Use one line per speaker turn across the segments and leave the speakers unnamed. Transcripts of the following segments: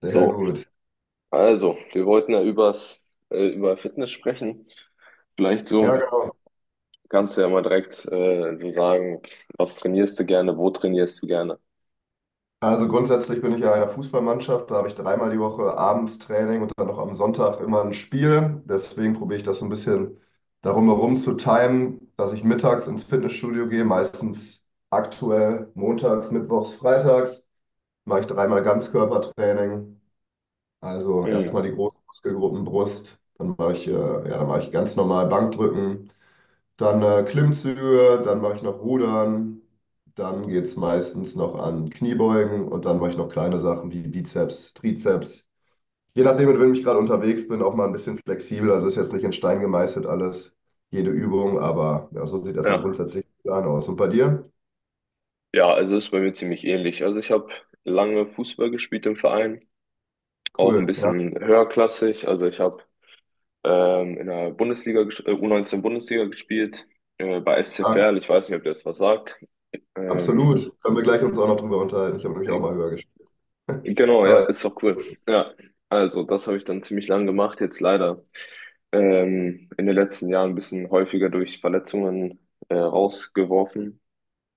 Sehr
So,
gut.
wir wollten ja über Fitness sprechen. Vielleicht so,
Ja, genau.
kannst du ja mal direkt so sagen, was trainierst du gerne, wo trainierst du gerne?
Also grundsätzlich bin ich ja in einer Fußballmannschaft, da habe ich dreimal die Woche abends Training und dann noch am Sonntag immer ein Spiel. Deswegen probiere ich das so ein bisschen darum herum zu timen, dass ich mittags ins Fitnessstudio gehe, meistens aktuell montags, mittwochs, freitags, mache ich dreimal Ganzkörpertraining. Also erstmal
Hm.
die großen Muskelgruppen Brust, dann mache ich, ja, dann mache ich ganz normal Bankdrücken. Dann Klimmzüge, dann mache ich noch Rudern, dann geht es meistens noch an Kniebeugen und dann mache ich noch kleine Sachen wie Bizeps, Trizeps. Je nachdem, mit wem ich gerade unterwegs bin, auch mal ein bisschen flexibel. Also ist jetzt nicht in Stein gemeißelt alles, jede Übung, aber ja, so sieht erstmal
Ja.
grundsätzlich der Plan aus. Und bei dir?
Ja, also ist bei mir ziemlich ähnlich. Also ich habe lange Fußball gespielt im Verein, auch ein
Cool. Ja,
bisschen höherklassig. Also ich habe in der U19 Bundesliga gespielt, bei SC
stark.
Verl. Ich weiß nicht, ob dir das was sagt. Ähm,
Absolut. Können wir gleich uns auch noch drüber unterhalten. Ich habe nämlich auch mal höher gespielt.
Genau, ja,
Aber
ist doch cool. Ja, also das habe ich dann ziemlich lang gemacht, jetzt leider in den letzten Jahren ein bisschen häufiger durch Verletzungen rausgeworfen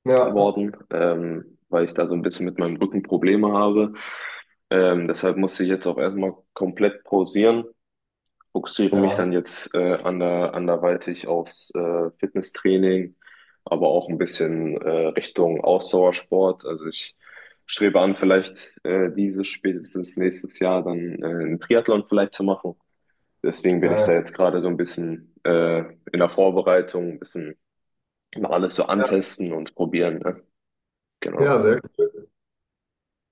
ja,
worden, weil ich da so ein bisschen mit meinem Rücken Probleme habe. Deshalb musste ich jetzt auch erstmal komplett pausieren, fokussiere mich
ja,
dann jetzt anderweitig aufs Fitnesstraining, aber auch ein bisschen Richtung Ausdauersport. Also ich strebe an, vielleicht dieses, spätestens nächstes Jahr, dann einen Triathlon vielleicht zu machen. Deswegen bin ich da
geil.
jetzt gerade so ein bisschen in der Vorbereitung, ein bisschen mal alles so
Ja,
antesten und probieren. Ne?
ja,
Genau.
sehr cool.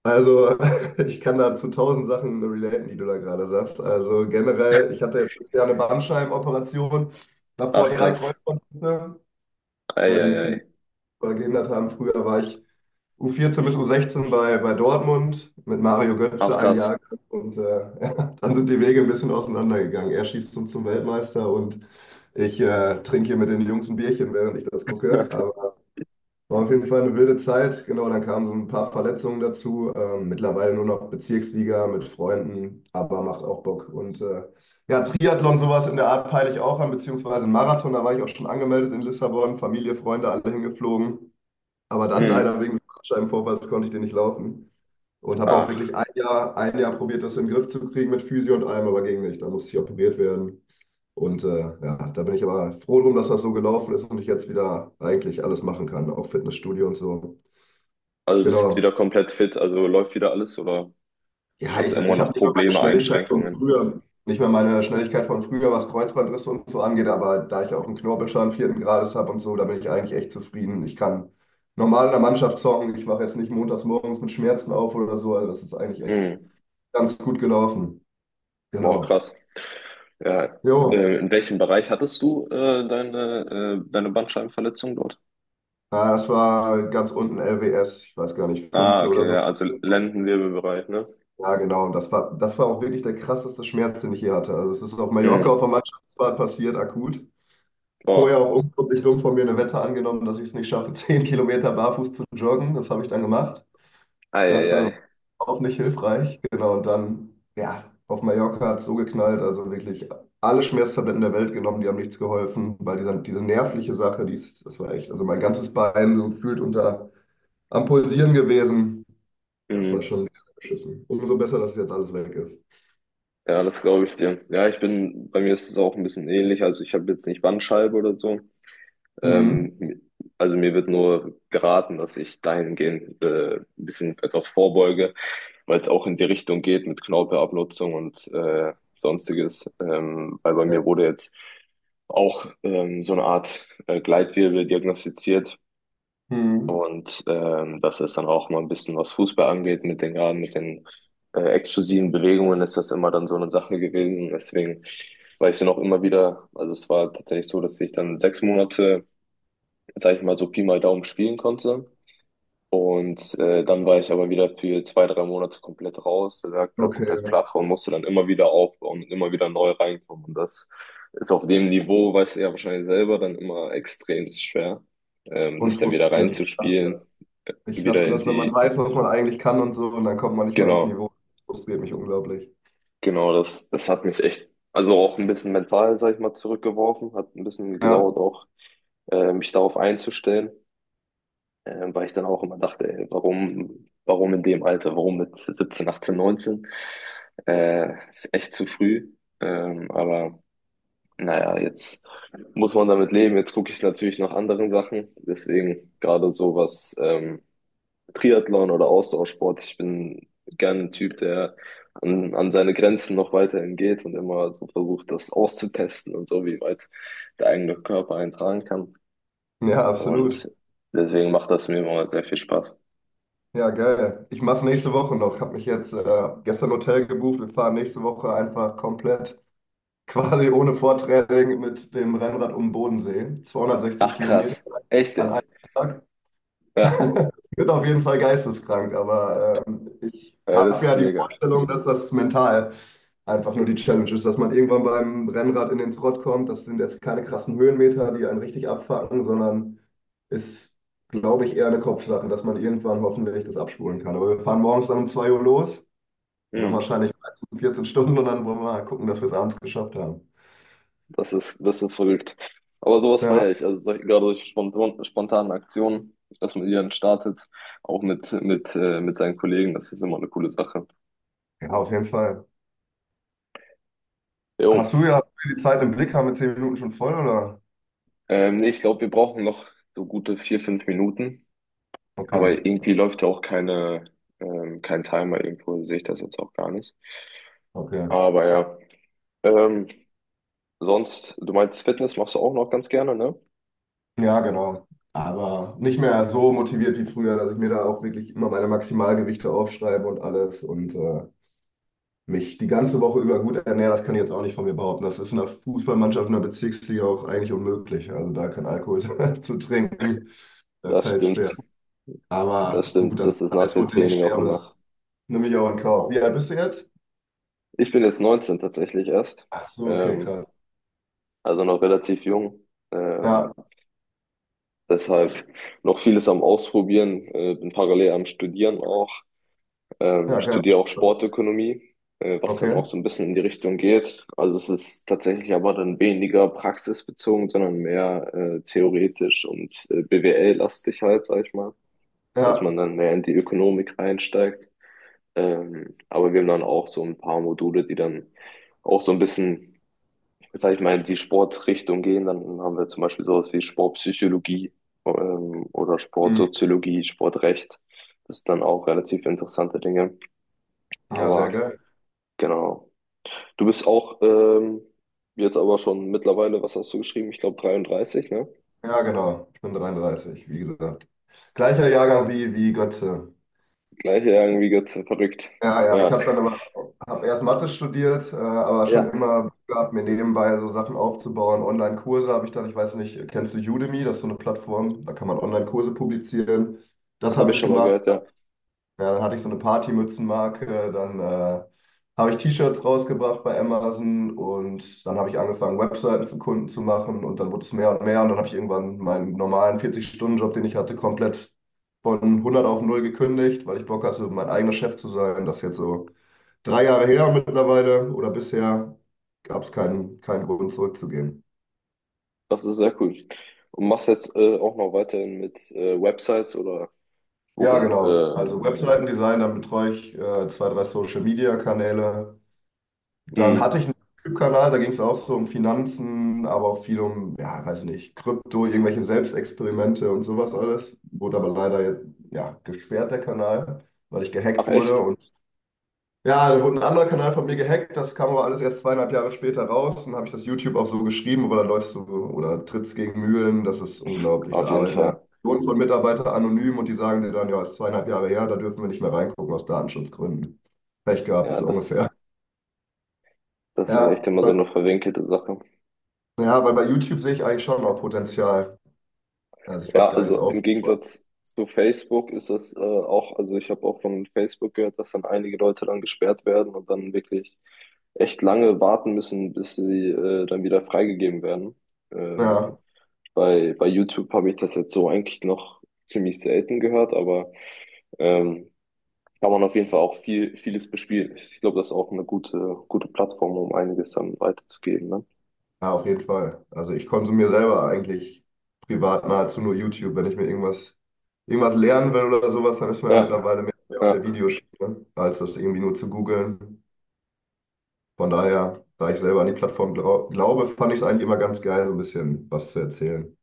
Also, ich kann da zu tausend Sachen relaten, die du da gerade sagst. Also generell, ich hatte jetzt letztes Jahr eine Bandscheibenoperation, davor
Ach
drei
krass.
Kreuzbandrisse,
Ei,
die
ei,
mich so ein
ei.
bisschen verhindert haben. Früher war ich U14 bis U16 bei Dortmund mit Mario
Ach
Götze ein
krass.
Jahr und ja, dann sind die Wege ein bisschen auseinandergegangen. Er schießt zum Weltmeister und ich trinke hier mit den Jungs ein Bierchen, während ich das gucke. War auf jeden Fall eine wilde Zeit. Genau, dann kamen so ein paar Verletzungen dazu. Mittlerweile nur noch Bezirksliga mit Freunden, aber macht auch Bock. Und ja, Triathlon, sowas in der Art peile ich auch an, beziehungsweise einen Marathon. Da war ich auch schon angemeldet in Lissabon. Familie, Freunde, alle hingeflogen. Aber dann
Mhm.
leider wegen des Bandscheibenvorfalls konnte ich den nicht laufen. Und habe auch
Ach,
wirklich ein Jahr probiert, das in den Griff zu kriegen mit Physio und allem, aber ging nicht. Da musste ich operiert werden. Und ja, da bin ich aber froh drum, dass das so gelaufen ist und ich jetzt wieder eigentlich alles machen kann, auch Fitnessstudio und so.
also bist jetzt
Genau.
wieder komplett fit, also läuft wieder alles, oder?
Ja,
Hast
ich,
immer
ich habe
noch
nicht mehr meine
Probleme,
Schnelligkeit von
Einschränkungen.
früher, nicht mehr meine Schnelligkeit von früher, was Kreuzbandrisse und so angeht, aber da ich auch einen Knorpelschaden vierten Grades habe und so, da bin ich eigentlich echt zufrieden. Ich kann normal in der Mannschaft zocken, ich wache jetzt nicht montags morgens mit Schmerzen auf oder so, also das ist eigentlich echt
Hm.
ganz gut gelaufen.
Wow,
Genau.
krass. Ja.
Jo,
In welchem Bereich hattest du deine Bandscheibenverletzung dort?
ja, das war ganz unten LWS, ich weiß gar nicht,
Ah,
fünfte oder
okay,
so.
ja, also Lendenwirbelbereich, ne?
Ja, genau, und das war auch wirklich der krasseste Schmerz, den ich je hatte. Also es ist auf Mallorca auf
Mhm.
der Mannschaftsfahrt passiert, akut. Vorher
Boah,
auch unglaublich dumm von mir eine Wette angenommen, dass ich es nicht schaffe, 10 Kilometer barfuß zu joggen. Das habe ich dann gemacht. Das war
eieiei.
auch nicht hilfreich. Genau, und dann, ja, auf Mallorca hat es so geknallt. Also wirklich alle Schmerztabletten der Welt genommen, die haben nichts geholfen, weil dieser, diese nervliche Sache, die ist, das war echt, also mein ganzes Bein so gefühlt unter am Pulsieren gewesen. Das war
Mhm.
schon sehr beschissen. Umso besser, dass jetzt alles weg ist.
Ja, das glaube ich dir. Ja, bei mir ist es auch ein bisschen ähnlich. Also ich habe jetzt nicht Bandscheibe oder so.
Mhm.
Ähm, also mir wird nur geraten, dass ich dahingehend ein bisschen etwas vorbeuge, weil es auch in die Richtung geht mit Knorpelabnutzung und Sonstiges. Weil bei mir wurde jetzt auch so eine Art Gleitwirbel diagnostiziert.
Mhm.
Und das ist dann auch mal ein bisschen, was Fußball angeht, mit den gerade mit den explosiven Bewegungen ist das immer dann so eine Sache gewesen. Deswegen war ich dann auch immer wieder, also es war tatsächlich so, dass ich dann 6 Monate, sag ich mal, so Pi mal Daumen spielen konnte. Und dann war ich aber wieder für 2, 3 Monate komplett raus, lag da komplett
Okay,
flach und musste dann immer wieder aufbauen und immer wieder neu reinkommen. Und das ist auf dem Niveau, weißt du ja wahrscheinlich selber, dann immer extrem schwer, sich
und
dann wieder
frustrierend.
reinzuspielen, äh,
Ich
wieder
hasse
in
das, wenn man
die,
weiß, was man eigentlich kann und so, und dann kommt man nicht mehr ans
genau,
Niveau. Das frustriert mich unglaublich.
das hat mich echt, also auch ein bisschen mental, sag ich mal, zurückgeworfen, hat ein bisschen
Ja,
gedauert auch, mich darauf einzustellen. Weil ich dann auch immer dachte, ey, warum in dem Alter, warum mit 17, 18, 19. Ist echt zu früh. Aber naja, jetzt muss man damit leben. Jetzt gucke ich natürlich nach anderen Sachen. Deswegen gerade sowas, ähm, Triathlon oder Ausdauersport. Ich bin gerne ein Typ, der an seine Grenzen noch weiterhin geht und immer so versucht, das auszutesten und so, wie weit der eigene Körper einen kann.
ja, absolut.
Und deswegen macht das mir immer sehr viel Spaß.
Ja, geil. Ich mach's nächste Woche noch. Hab mich jetzt gestern Hotel gebucht. Wir fahren nächste Woche einfach komplett, quasi ohne Vortraining mit dem Rennrad um den Bodensee. 260
Ach
Kilometer
krass. Echt
an einem
jetzt?
Tag.
Ja.
Es wird auf jeden Fall geisteskrank, aber ich
Ey, das
habe
ist
ja die
mega.
Vorstellung, dass das mental einfach nur die Challenge ist, dass man irgendwann beim Rennrad in den Trott kommt. Das sind jetzt keine krassen Höhenmeter, die einen richtig abfacken, sondern ist, glaube ich, eher eine Kopfsache, dass man irgendwann hoffentlich das abspulen kann. Aber wir fahren morgens dann um 2 Uhr los und dann
Mhm.
wahrscheinlich 13, 14 Stunden und dann wollen wir mal gucken, dass wir es abends geschafft haben.
Das ist verrückt. Aber sowas
Ja,
feiere ich. Also solche spontanen Aktionen, dass man die dann startet, auch mit seinen Kollegen, das ist immer eine coole Sache.
ja, auf jeden Fall.
Jo.
Hast du die Zeit im Blick? Haben wir 10 Minuten schon voll, oder?
Nee, ich glaube, wir brauchen noch so gute 4, 5 Minuten.
Okay,
Aber irgendwie läuft ja auch keine, kein Timer irgendwo, sehe ich das jetzt auch gar nicht.
okay.
Aber ja. Ähm, sonst, du meinst Fitness machst du auch noch ganz gerne, ne?
Ja, genau. Aber nicht mehr so motiviert wie früher, dass ich mir da auch wirklich immer meine Maximalgewichte aufschreibe und alles und mich die ganze Woche über gut ernähre, das kann ich jetzt auch nicht von mir behaupten. Das ist in einer Fußballmannschaft, in einer Bezirksliga auch eigentlich unmöglich. Also da kein Alkohol zu trinken, das
Das
fällt
stimmt.
schwer.
Das
Aber gut,
stimmt,
das ist
das ist
dann der
nach dem
Tod, den ich
Training auch
sterbe,
immer.
das nehme ich auch in Kauf. Wie alt bist du jetzt?
Ich bin jetzt 19 tatsächlich erst,
Ach so, okay,
ähm,
krass.
also noch relativ jung.
Ja,
Ähm, deshalb noch vieles am Ausprobieren, bin parallel am Studieren auch,
ja, geil.
studiere auch Sportökonomie, was dann
Okay,
auch so ein bisschen in die Richtung geht. Also es ist tatsächlich aber dann weniger praxisbezogen, sondern mehr theoretisch und BWL-lastig halt, sag ich mal, dass man
ja,
dann mehr in die Ökonomik einsteigt. Aber wir haben dann auch so ein paar Module, die dann auch so ein bisschen, sag ich mal, in die Sportrichtung gehen. Dann haben wir zum Beispiel sowas wie Sportpsychologie, oder
hm,
Sportsoziologie, Sportrecht. Das sind dann auch relativ interessante Dinge.
ja, sehr
Aber
geil.
genau. Du bist auch jetzt aber schon mittlerweile, was hast du geschrieben? Ich glaube 33, ne?
Ja, genau. Ich bin 33, wie gesagt. Gleicher Jahrgang wie Götze.
Gleich ja irgendwie ganz verrückt.
Ja, ja,
Ja,
ich habe dann aber hab erst Mathe studiert, aber
ja,
schon immer Bock gehabt, mir nebenbei so Sachen aufzubauen. Online-Kurse habe ich dann, ich weiß nicht, kennst du Udemy? Das ist so eine Plattform, da kann man Online-Kurse publizieren. Das
habe
habe
ich
ich
schon mal
gemacht.
gehört, ja.
Ja, dann hatte ich so eine Partymützenmarke, dann habe ich T-Shirts rausgebracht bei Amazon und dann habe ich angefangen, Webseiten für Kunden zu machen und dann wurde es mehr und mehr und dann habe ich irgendwann meinen normalen 40-Stunden-Job, den ich hatte, komplett von 100 auf 0 gekündigt, weil ich Bock hatte, mein eigener Chef zu sein. Das ist jetzt so 3 Jahre her mittlerweile oder bisher gab es keinen Grund zurückzugehen.
Das ist sehr cool. Und machst jetzt auch noch weiterhin mit Websites oder
Ja,
Bochum,
genau. Also Webseitendesign, dann betreue ich zwei, drei Social-Media-Kanäle. Dann
mh.
hatte ich einen YouTube-Kanal, da ging es auch so um Finanzen, aber auch viel um, ja, weiß nicht, Krypto, irgendwelche Selbstexperimente und sowas alles. Wurde aber leider, ja, gesperrt, der Kanal, weil ich gehackt
Ach
wurde.
echt?
Und ja, dann wurde ein anderer Kanal von mir gehackt, das kam aber alles erst zweieinhalb Jahre später raus. Und dann habe ich das YouTube auch so geschrieben, aber da läufst du oder trittst gegen Mühlen, das ist unglaublich. Da
Auf jeden
arbeiten ja
Fall.
Millionen von Mitarbeitern anonym und die sagen dir dann, ja, ist zweieinhalb Jahre her, da dürfen wir nicht mehr reingucken aus Datenschutzgründen. Pech gehabt,
Ja,
so ungefähr.
das ist echt
Ja.
immer so eine verwinkelte Sache.
Ja, weil bei YouTube sehe ich eigentlich schon noch Potenzial, da sich was
Ja,
Geiles
also im
aufzubauen.
Gegensatz zu Facebook ist das auch, also ich habe auch von Facebook gehört, dass dann einige Leute dann gesperrt werden und dann wirklich echt lange warten müssen, bis sie dann wieder freigegeben werden. Ähm,
Ja,
bei YouTube habe ich das jetzt so eigentlich noch ziemlich selten gehört, aber ähm, kann man auf jeden Fall auch vieles bespielen. Ich glaube, das ist auch eine gute Plattform, um einiges dann weiterzugeben, ne?
ja, auf jeden Fall. Also ich konsumiere selber eigentlich privat nahezu nur YouTube. Wenn ich mir irgendwas lernen will oder sowas, dann ist man ja
Ja,
mittlerweile mehr auf der
ja,
Videoschiene, als das irgendwie nur zu googeln. Von daher, da ich selber an die Plattform glaube, fand ich es eigentlich immer ganz geil, so ein bisschen was zu erzählen.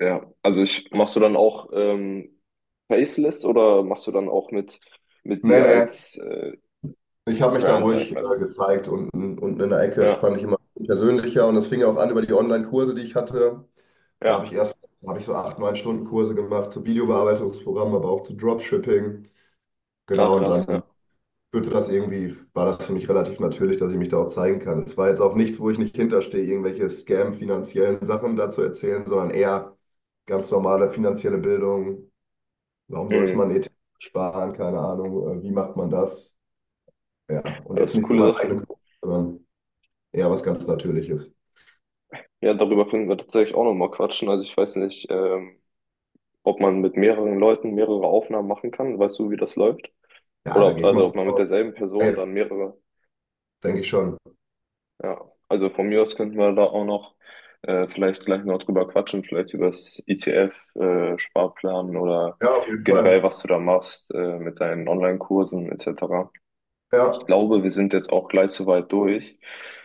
ja. Also ich, machst du dann auch Faceless oder machst du dann auch mit,
Nee,
dir
nee,
als
ich habe mich da
Brand, sag ich
ruhig
mal?
gezeigt unten, unten in der Ecke. Das
Ja,
fand ich immer persönlicher und das fing ja auch an über die Online-Kurse, die ich hatte. Da habe ich
ja.
erst, da habe ich so acht, neun Stunden Kurse gemacht zu Videobearbeitungsprogrammen, aber auch zu Dropshipping.
Ach,
Genau, und
krass,
dann
ja.
führte das irgendwie, war das für mich relativ natürlich, dass ich mich da auch zeigen kann. Es war jetzt auch nichts, wo ich nicht hinterstehe, irgendwelche Scam-finanziellen Sachen da zu erzählen, sondern eher ganz normale finanzielle Bildung. Warum sollte
Mhm.
man ETF sparen? Keine Ahnung. Wie macht man das? Ja, und
Ja, das
jetzt
ist
nicht zu meinem
coole Sache.
eigenen Kurs, sondern eher was ganz Natürliches.
Ja, darüber können wir tatsächlich auch nochmal quatschen. Also ich weiß nicht, ob man mit mehreren Leuten mehrere Aufnahmen machen kann. Weißt du, wie das läuft?
Ja,
Oder
da
ob,
gehe ich mal
also ob man mit
vor.
derselben Person
Ja,
dann mehrere.
denke ich schon.
Ja, also von mir aus könnten wir da auch noch vielleicht gleich noch drüber quatschen, vielleicht über das ETF-Sparplan oder
Ja, auf jeden
generell,
Fall.
was du da machst mit deinen Online-Kursen etc. Ich
Ja,
glaube, wir sind jetzt auch gleich soweit durch.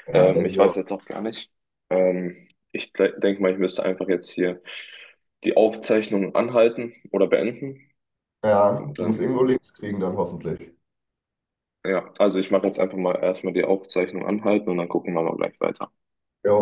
ja, denke
Ich
ich
weiß
auch.
jetzt auch gar nicht. Ähm, ich denke mal, ich müsste einfach jetzt hier die Aufzeichnung anhalten oder beenden.
Ja,
Und
du musst
dann,
irgendwo links kriegen dann hoffentlich.
ja, also ich mache jetzt einfach mal erstmal die Aufzeichnung anhalten und dann gucken wir mal gleich weiter.
Jo.